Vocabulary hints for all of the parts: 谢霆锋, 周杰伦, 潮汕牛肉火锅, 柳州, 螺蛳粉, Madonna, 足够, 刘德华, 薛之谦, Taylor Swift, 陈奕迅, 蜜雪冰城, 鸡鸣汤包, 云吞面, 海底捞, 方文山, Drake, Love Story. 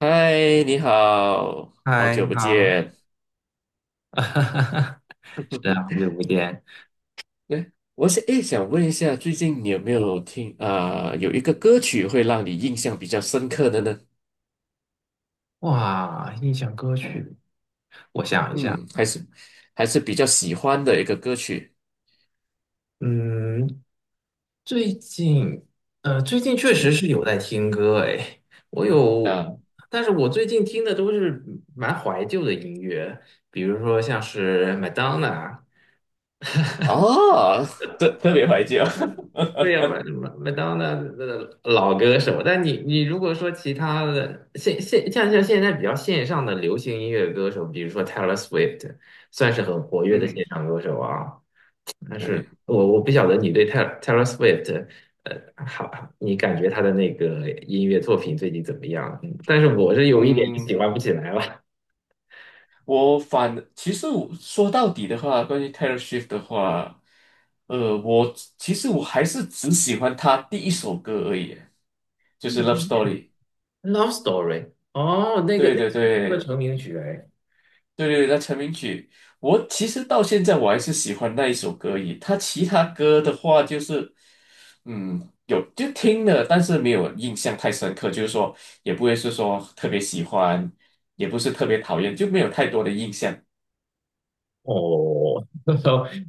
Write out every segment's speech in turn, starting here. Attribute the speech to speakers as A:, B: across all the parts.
A: 嗨，你好，好
B: 嗨，
A: 久
B: 你
A: 不
B: 好，
A: 见。
B: 是啊，好久不见。
A: 对，我想诶，想问一下，最近你有没有听啊、有一个歌曲会让你印象比较深刻的呢？
B: 哇，印象歌曲，我想一下，
A: 嗯，还是比较喜欢的一个歌曲。
B: 嗯，最近，最近确实
A: 嗯，
B: 是有在听歌，哎，我有，
A: 啊，
B: 但是我最近听的都是蛮怀旧的音乐，比如说像是 Madonna，
A: 哦，特别怀旧。
B: 对呀，麦当娜的老歌手，但你如果说其他的像现在比较线上的流行音乐歌手，比如说 Taylor Swift，算是很活跃的
A: 嗯，
B: 线上歌手啊。但是
A: 对，
B: 我不晓得你对 Taylor Swift,好，你感觉他的那个音乐作品最近怎么样？嗯但是我是有一点
A: 嗯，
B: 喜欢不起来了。
A: 其实我说到底的话，关于 Taylor Swift 的话，我其实我还是只喜欢他第一首歌而已，就是《Love Story》。
B: Love Story，哦，那个
A: 对
B: 那
A: 对对
B: 是他的
A: 对
B: 成名曲哎。
A: 对，那成名曲，我其实到现在我还是喜欢那一首歌以他其他歌的话，就是有就听了，但是没有印象太深刻，就是说也不会是说特别喜欢，也不是特别讨厌，就没有太多的印象。
B: 哦，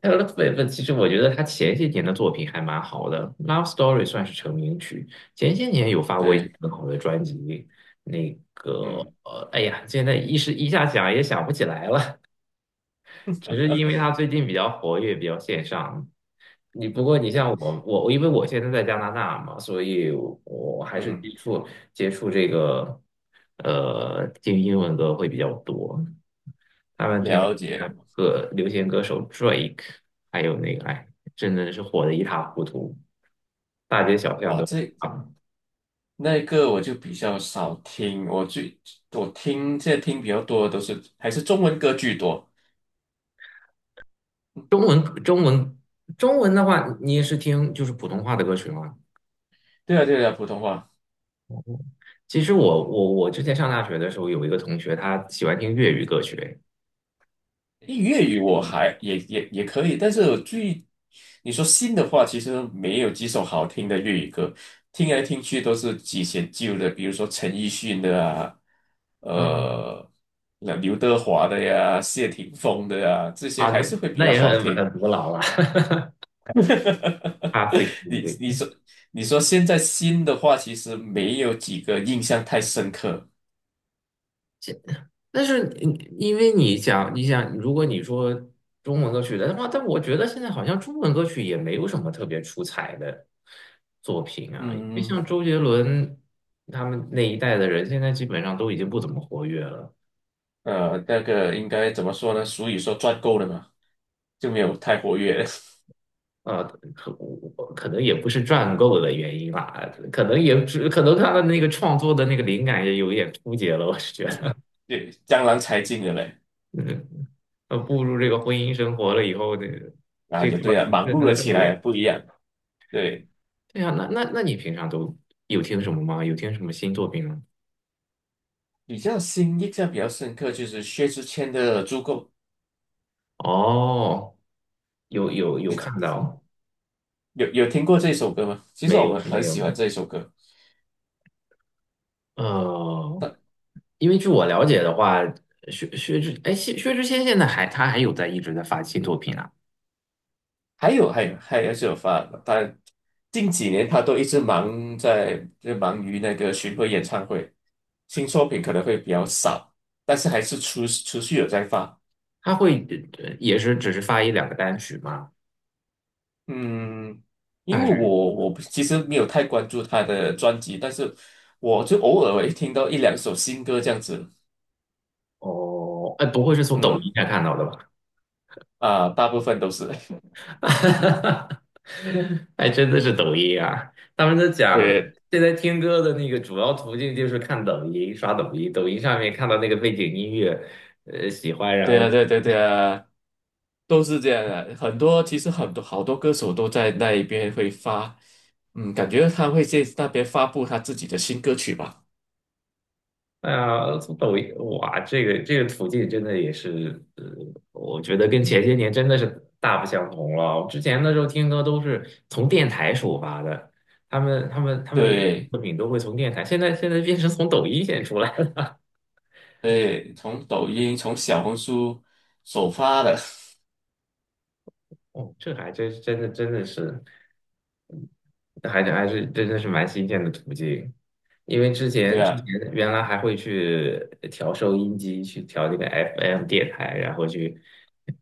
B: 呃 l o v l 其实我觉得他前些年的作品还蛮好的，《Love Story》算是成名曲，前些年有发过一些
A: 对，
B: 很好的专辑。那个，
A: 嗯，
B: 哎呀，现在一时一下想也想不起来了。只是因为他最近比较活跃，比较线上。你不过你像
A: 对，
B: 我，我因为我现在在加拿大嘛，所以我还是
A: 嗯，
B: 接触这个听英文歌会比较多。他们平时
A: 了解。
B: 看歌流行歌手 Drake，还有那个哎，真的是火的一塌糊涂，大街小巷
A: 哇，
B: 都是
A: 这
B: 他们
A: 那个我就比较少听，我最我听现在听比较多的都是还是中文歌居多。
B: 中文中文中文的话，你也是听就是普通话的歌曲吗？
A: 对啊，对啊，普通话。
B: 其实我之前上大学的时候，有一个同学，他喜欢听粤语歌曲，
A: 粤语我还也可以，但是你说新的话，其实没有几首好听的粤语歌，听来听去都是几些旧的，比如说陈奕迅的啊，
B: 嗯
A: 呃，那刘德华的呀，谢霆锋的呀，这些
B: 啊，
A: 还
B: 那
A: 是会比
B: 那
A: 较
B: 也
A: 好
B: 很
A: 听。
B: 很古老了，他非常
A: 你
B: 对。
A: 你说你说现在新的话，其实没有几个印象太深刻。
B: 但是你因为你想，如果你说中文歌曲的话，但我觉得现在好像中文歌曲也没有什么特别出彩的作品啊，因为
A: 嗯，
B: 像周杰伦他们那一代的人，现在基本上都已经不怎么活跃了。
A: 那个应该怎么说呢？俗语说赚够了嘛，就没有太活跃。
B: 呃，可可能也不是赚够的原因吧，可能他的那个创作的那个灵感也有一点枯竭了，我是觉
A: 嗯，
B: 得，
A: 对，江郎才尽了嘞，
B: 嗯步入这个婚姻生活了以后，这
A: 啊，
B: 这
A: 也
B: 块
A: 对啊，
B: 儿不
A: 忙
B: 是他
A: 碌了
B: 的重
A: 起来，
B: 点。
A: 不一样。对，
B: 对呀，那你平常都有听什么吗？有听什么新作品吗？
A: 比较新印象比较深刻就是薛之谦的《足够》，
B: 哦，有看
A: 你
B: 到，
A: 有听过这首歌吗？其实我
B: 没有
A: 们
B: 没
A: 很
B: 有
A: 喜欢
B: 吗？
A: 这首歌。
B: 呃，因为据我了解的话，薛之谦现在他还有在一直在发新作品啊。
A: 还有是有发，但近几年他都一直忙在就忙于那个巡回演唱会，新作品可能会比较少，但是还是持续有在发。
B: 他会也是只是发一两个单曲吗？
A: 嗯，
B: 他
A: 因为
B: 还是
A: 我我不其实没有太关注他的专辑，但是我就偶尔会听到一两首新歌这样子。
B: 哦，哎，不会是从抖音
A: 嗯
B: 上看到的吧？
A: 啊，大部分都是
B: 还真的是抖音啊！他们都讲，
A: 对
B: 现在听歌的那个主要途径就是看抖音，刷抖音，抖音上面看到那个背景音乐，喜欢，然
A: 对
B: 后
A: 啊，对对对啊，都是这样的。其实好多歌手都在那一边会发，嗯，感觉他会在那边发布他自己的新歌曲吧。
B: 哎呀，从抖音哇，这个途径真的也是，我觉得跟前
A: 嗯，
B: 些年真的是大不相同了。之前的时候听歌都是从电台首发的，他们有
A: 对
B: 作品都会从电台，现在变成从抖音先出来了。
A: 对，从抖音从小红书首发的，
B: 哦，这还真的是。那还真还是真的是蛮新鲜的途径，因为之
A: 对
B: 前之前
A: 啊，
B: 原来还会去调收音机，去调那个 FM 电台，然后去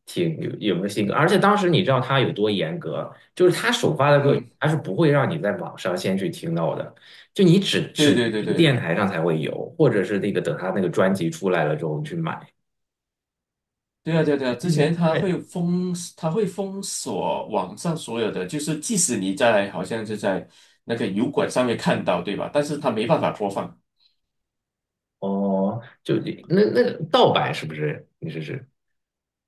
B: 听有没有新歌。而且当时你知道他有多严格，就是他首发的歌，
A: 嗯，
B: 他是不会让你在网上先去听到的，就你只
A: 对
B: 只
A: 对对对。
B: 电台上才会有，或者是那个等他那个专辑出来了之后你去买。
A: 对啊，对啊，对啊，之前他
B: 对，
A: 会封，他会封锁网上所有的，就是即使好像是在那个油管上面看到，对吧？但是他没办法播放，
B: 哦，就那个盗版是不是？你试试。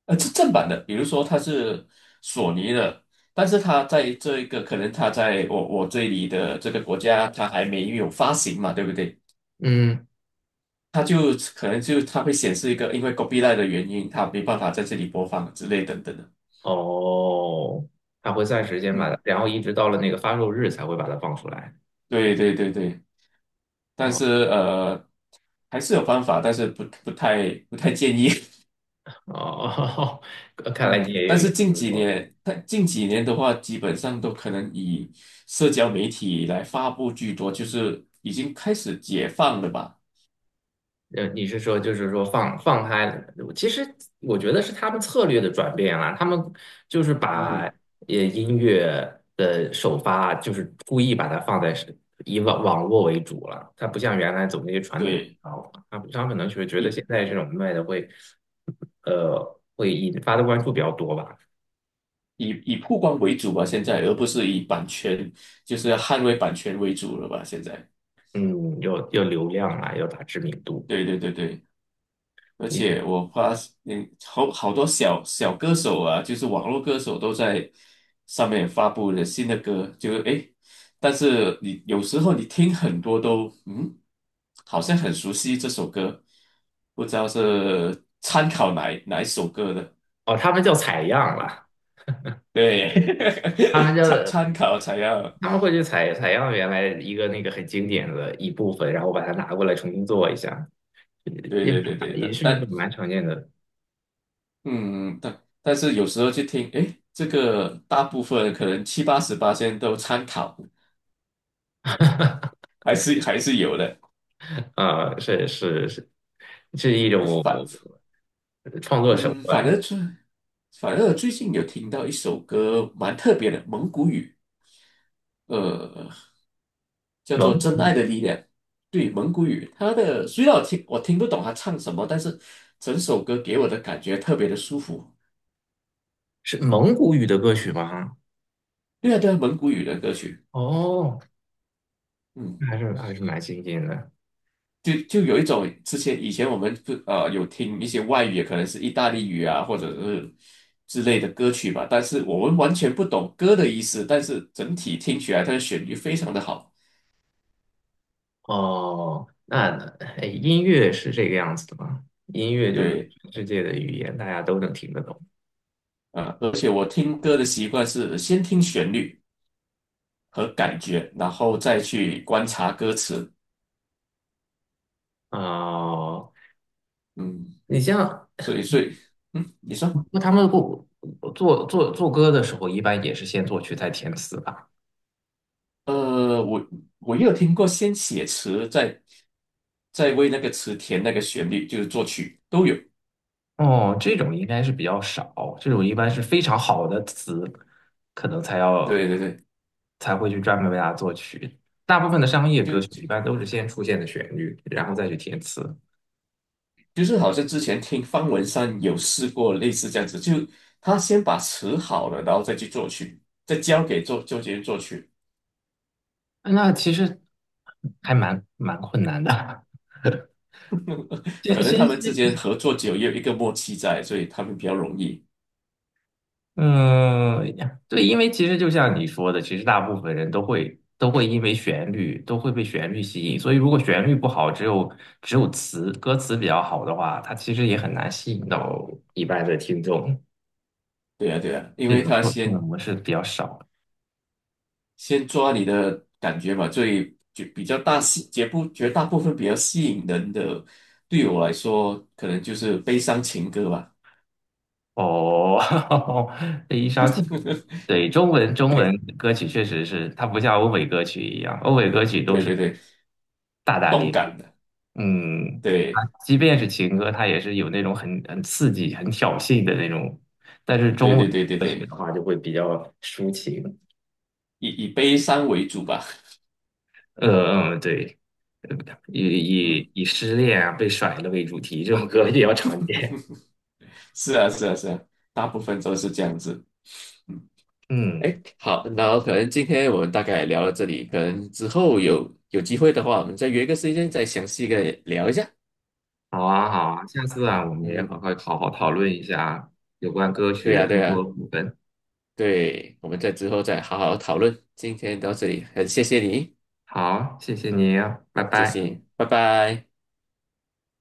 A: 是正版的，比如说它是索尼的，但是它在这一个可能它在我这里的这个国家，它还没有发行嘛，对不对？
B: 嗯。
A: 它就可能就它会显示一个因为 copyigh 的原因，它没办法在这里播放之类等等的。
B: 哦，它会算时间把它，
A: 嗯，
B: 然后一直到了那个发售日才会把它放出来。
A: 对对对对。但
B: 哦
A: 是还是有方法，但是不太建议。
B: 哦，看来
A: 嗯，
B: 你也有研究过。
A: 但近几年的话，基本上都可能以社交媒体来发布居多，就是已经开始解放了吧？
B: 你是说就是说放开，其实我觉得是他们策略的转变啦、他们就是
A: 嗯
B: 把
A: 哼，
B: 音乐的首发，就是故意把它放在是以网络为主了。它不像原来走那些传统渠
A: 对，
B: 道了，他们可能是觉得
A: 以
B: 现在这种卖的会引发的关注比较多吧。
A: 以曝光为主吧，现在，而不是以版权，就是捍卫版权为主了吧？现在，
B: 嗯，有流量啦，有打知名度。
A: 对对对对。而
B: 你
A: 且我发嗯，好多小小歌手啊，就是网络歌手都在上面发布了新的歌，就是但是你有时候你听很多都好像很熟悉这首歌，不知道是参考哪一首歌的，
B: 哦，他们叫采样了，他们
A: 对，
B: 叫
A: 参考才要，
B: 他们会去采样原来一个那个很经典的一部分，然后把它拿过来重新做一下，
A: 对
B: 也
A: 对对对
B: 也
A: 的，
B: 是蛮常见的。
A: 但是有时候去听，诶，这个大部分可能七八十八千都参考，还是还是有的。
B: 是是是，是一
A: 哎
B: 种
A: 反
B: 创作手
A: 嗯，反
B: 段。
A: 而最反而最近有听到一首歌蛮特别的蒙古语，呃，叫
B: 蒙
A: 做《真
B: 古
A: 爱的力量》。对，蒙古语，虽然我听不懂他唱什么，但是整首歌给我的感觉特别的舒服。
B: 是蒙古语的歌曲吗？
A: 对啊，对啊，蒙古语的歌曲，
B: 哦，
A: 嗯，
B: 那还是蛮新鲜的。
A: 就有一种以前我们不呃有听一些外语，可能是意大利语啊，或者是之类的歌曲吧，但是我们完全不懂歌的意思，但是整体听起来它的旋律非常的好。
B: 哦，那哎，音乐是这个样子的吗？音乐就是
A: 对，
B: 全世界的语言，大家都能听得懂。
A: 啊，而且我听歌的习惯是先听旋律和感觉，然后再去观察歌词。
B: 哦，
A: 嗯，
B: 你像
A: 所以，嗯，你说，
B: 那他们不做歌的时候，一般也是先作曲再填词吧？
A: 呃，我我也有听过先写词，再为那个词填那个旋律，就是作曲都有。
B: 哦，这种应该是比较少，这种一般是非常好的词，可能才
A: 对
B: 要
A: 对对，
B: 才会去专门为它作曲。大部分的商业歌
A: 就
B: 曲
A: 就
B: 一般都是先出现的旋律，然后再去填词。
A: 就是好像之前听方文山有试过类似这样子，就他先把词好了，然后再去作曲，再交给作曲人作曲。
B: 那其实还蛮困难的。
A: 可
B: 先
A: 能他
B: 先
A: 们之
B: 是，
A: 间合作久，也有一个默契在，所以他们比较容易。
B: 嗯，对，因为其实就像你说的，其实大部分人都会因为旋律都会被旋律吸引，所以如果旋律不好，只有歌词比较好的话，它其实也很难吸引到一般的听众。
A: 对啊，对啊，因
B: 这
A: 为
B: 种
A: 他
B: 错判的
A: 先
B: 模式比较少。
A: 先抓你的感觉嘛，所以就比较大吸，绝不绝大部分比较吸引人的，对我来说，可能就是悲伤情歌吧。
B: 哦，这一烧情，对，中文歌曲确实是，它不像欧美歌曲一样，欧美歌曲都
A: 对
B: 是
A: 对对，
B: 大大
A: 动
B: 咧咧，
A: 感的，
B: 嗯，它
A: 对
B: 即便是情歌，它也是有那种很刺激、很挑衅的那种，但是
A: 对
B: 中
A: 对
B: 文
A: 对对
B: 歌曲
A: 对，
B: 的话就会比较抒情，
A: 以悲伤为主吧。
B: 对，呃以
A: 嗯，
B: 以以失恋啊、被甩了为主题，这种歌比较常见，
A: 是啊是啊是啊，大部分都是这样子。嗯。
B: 嗯。
A: 哎，好，那后可能今天我们大概聊到这里，可能之后有机会的话，我们再约个时间再详细的聊一下。
B: 好啊，好啊，下次啊，我们也好
A: 嗯，
B: 好好好讨论一下有关歌曲
A: 对
B: 的
A: 呀，对
B: 更多
A: 呀，
B: 部分。
A: 对，我们在之后再好好讨论。今天到这里，很谢谢你，
B: 好，谢谢你啊，拜
A: 嗯，谢谢
B: 拜。
A: 你，拜拜。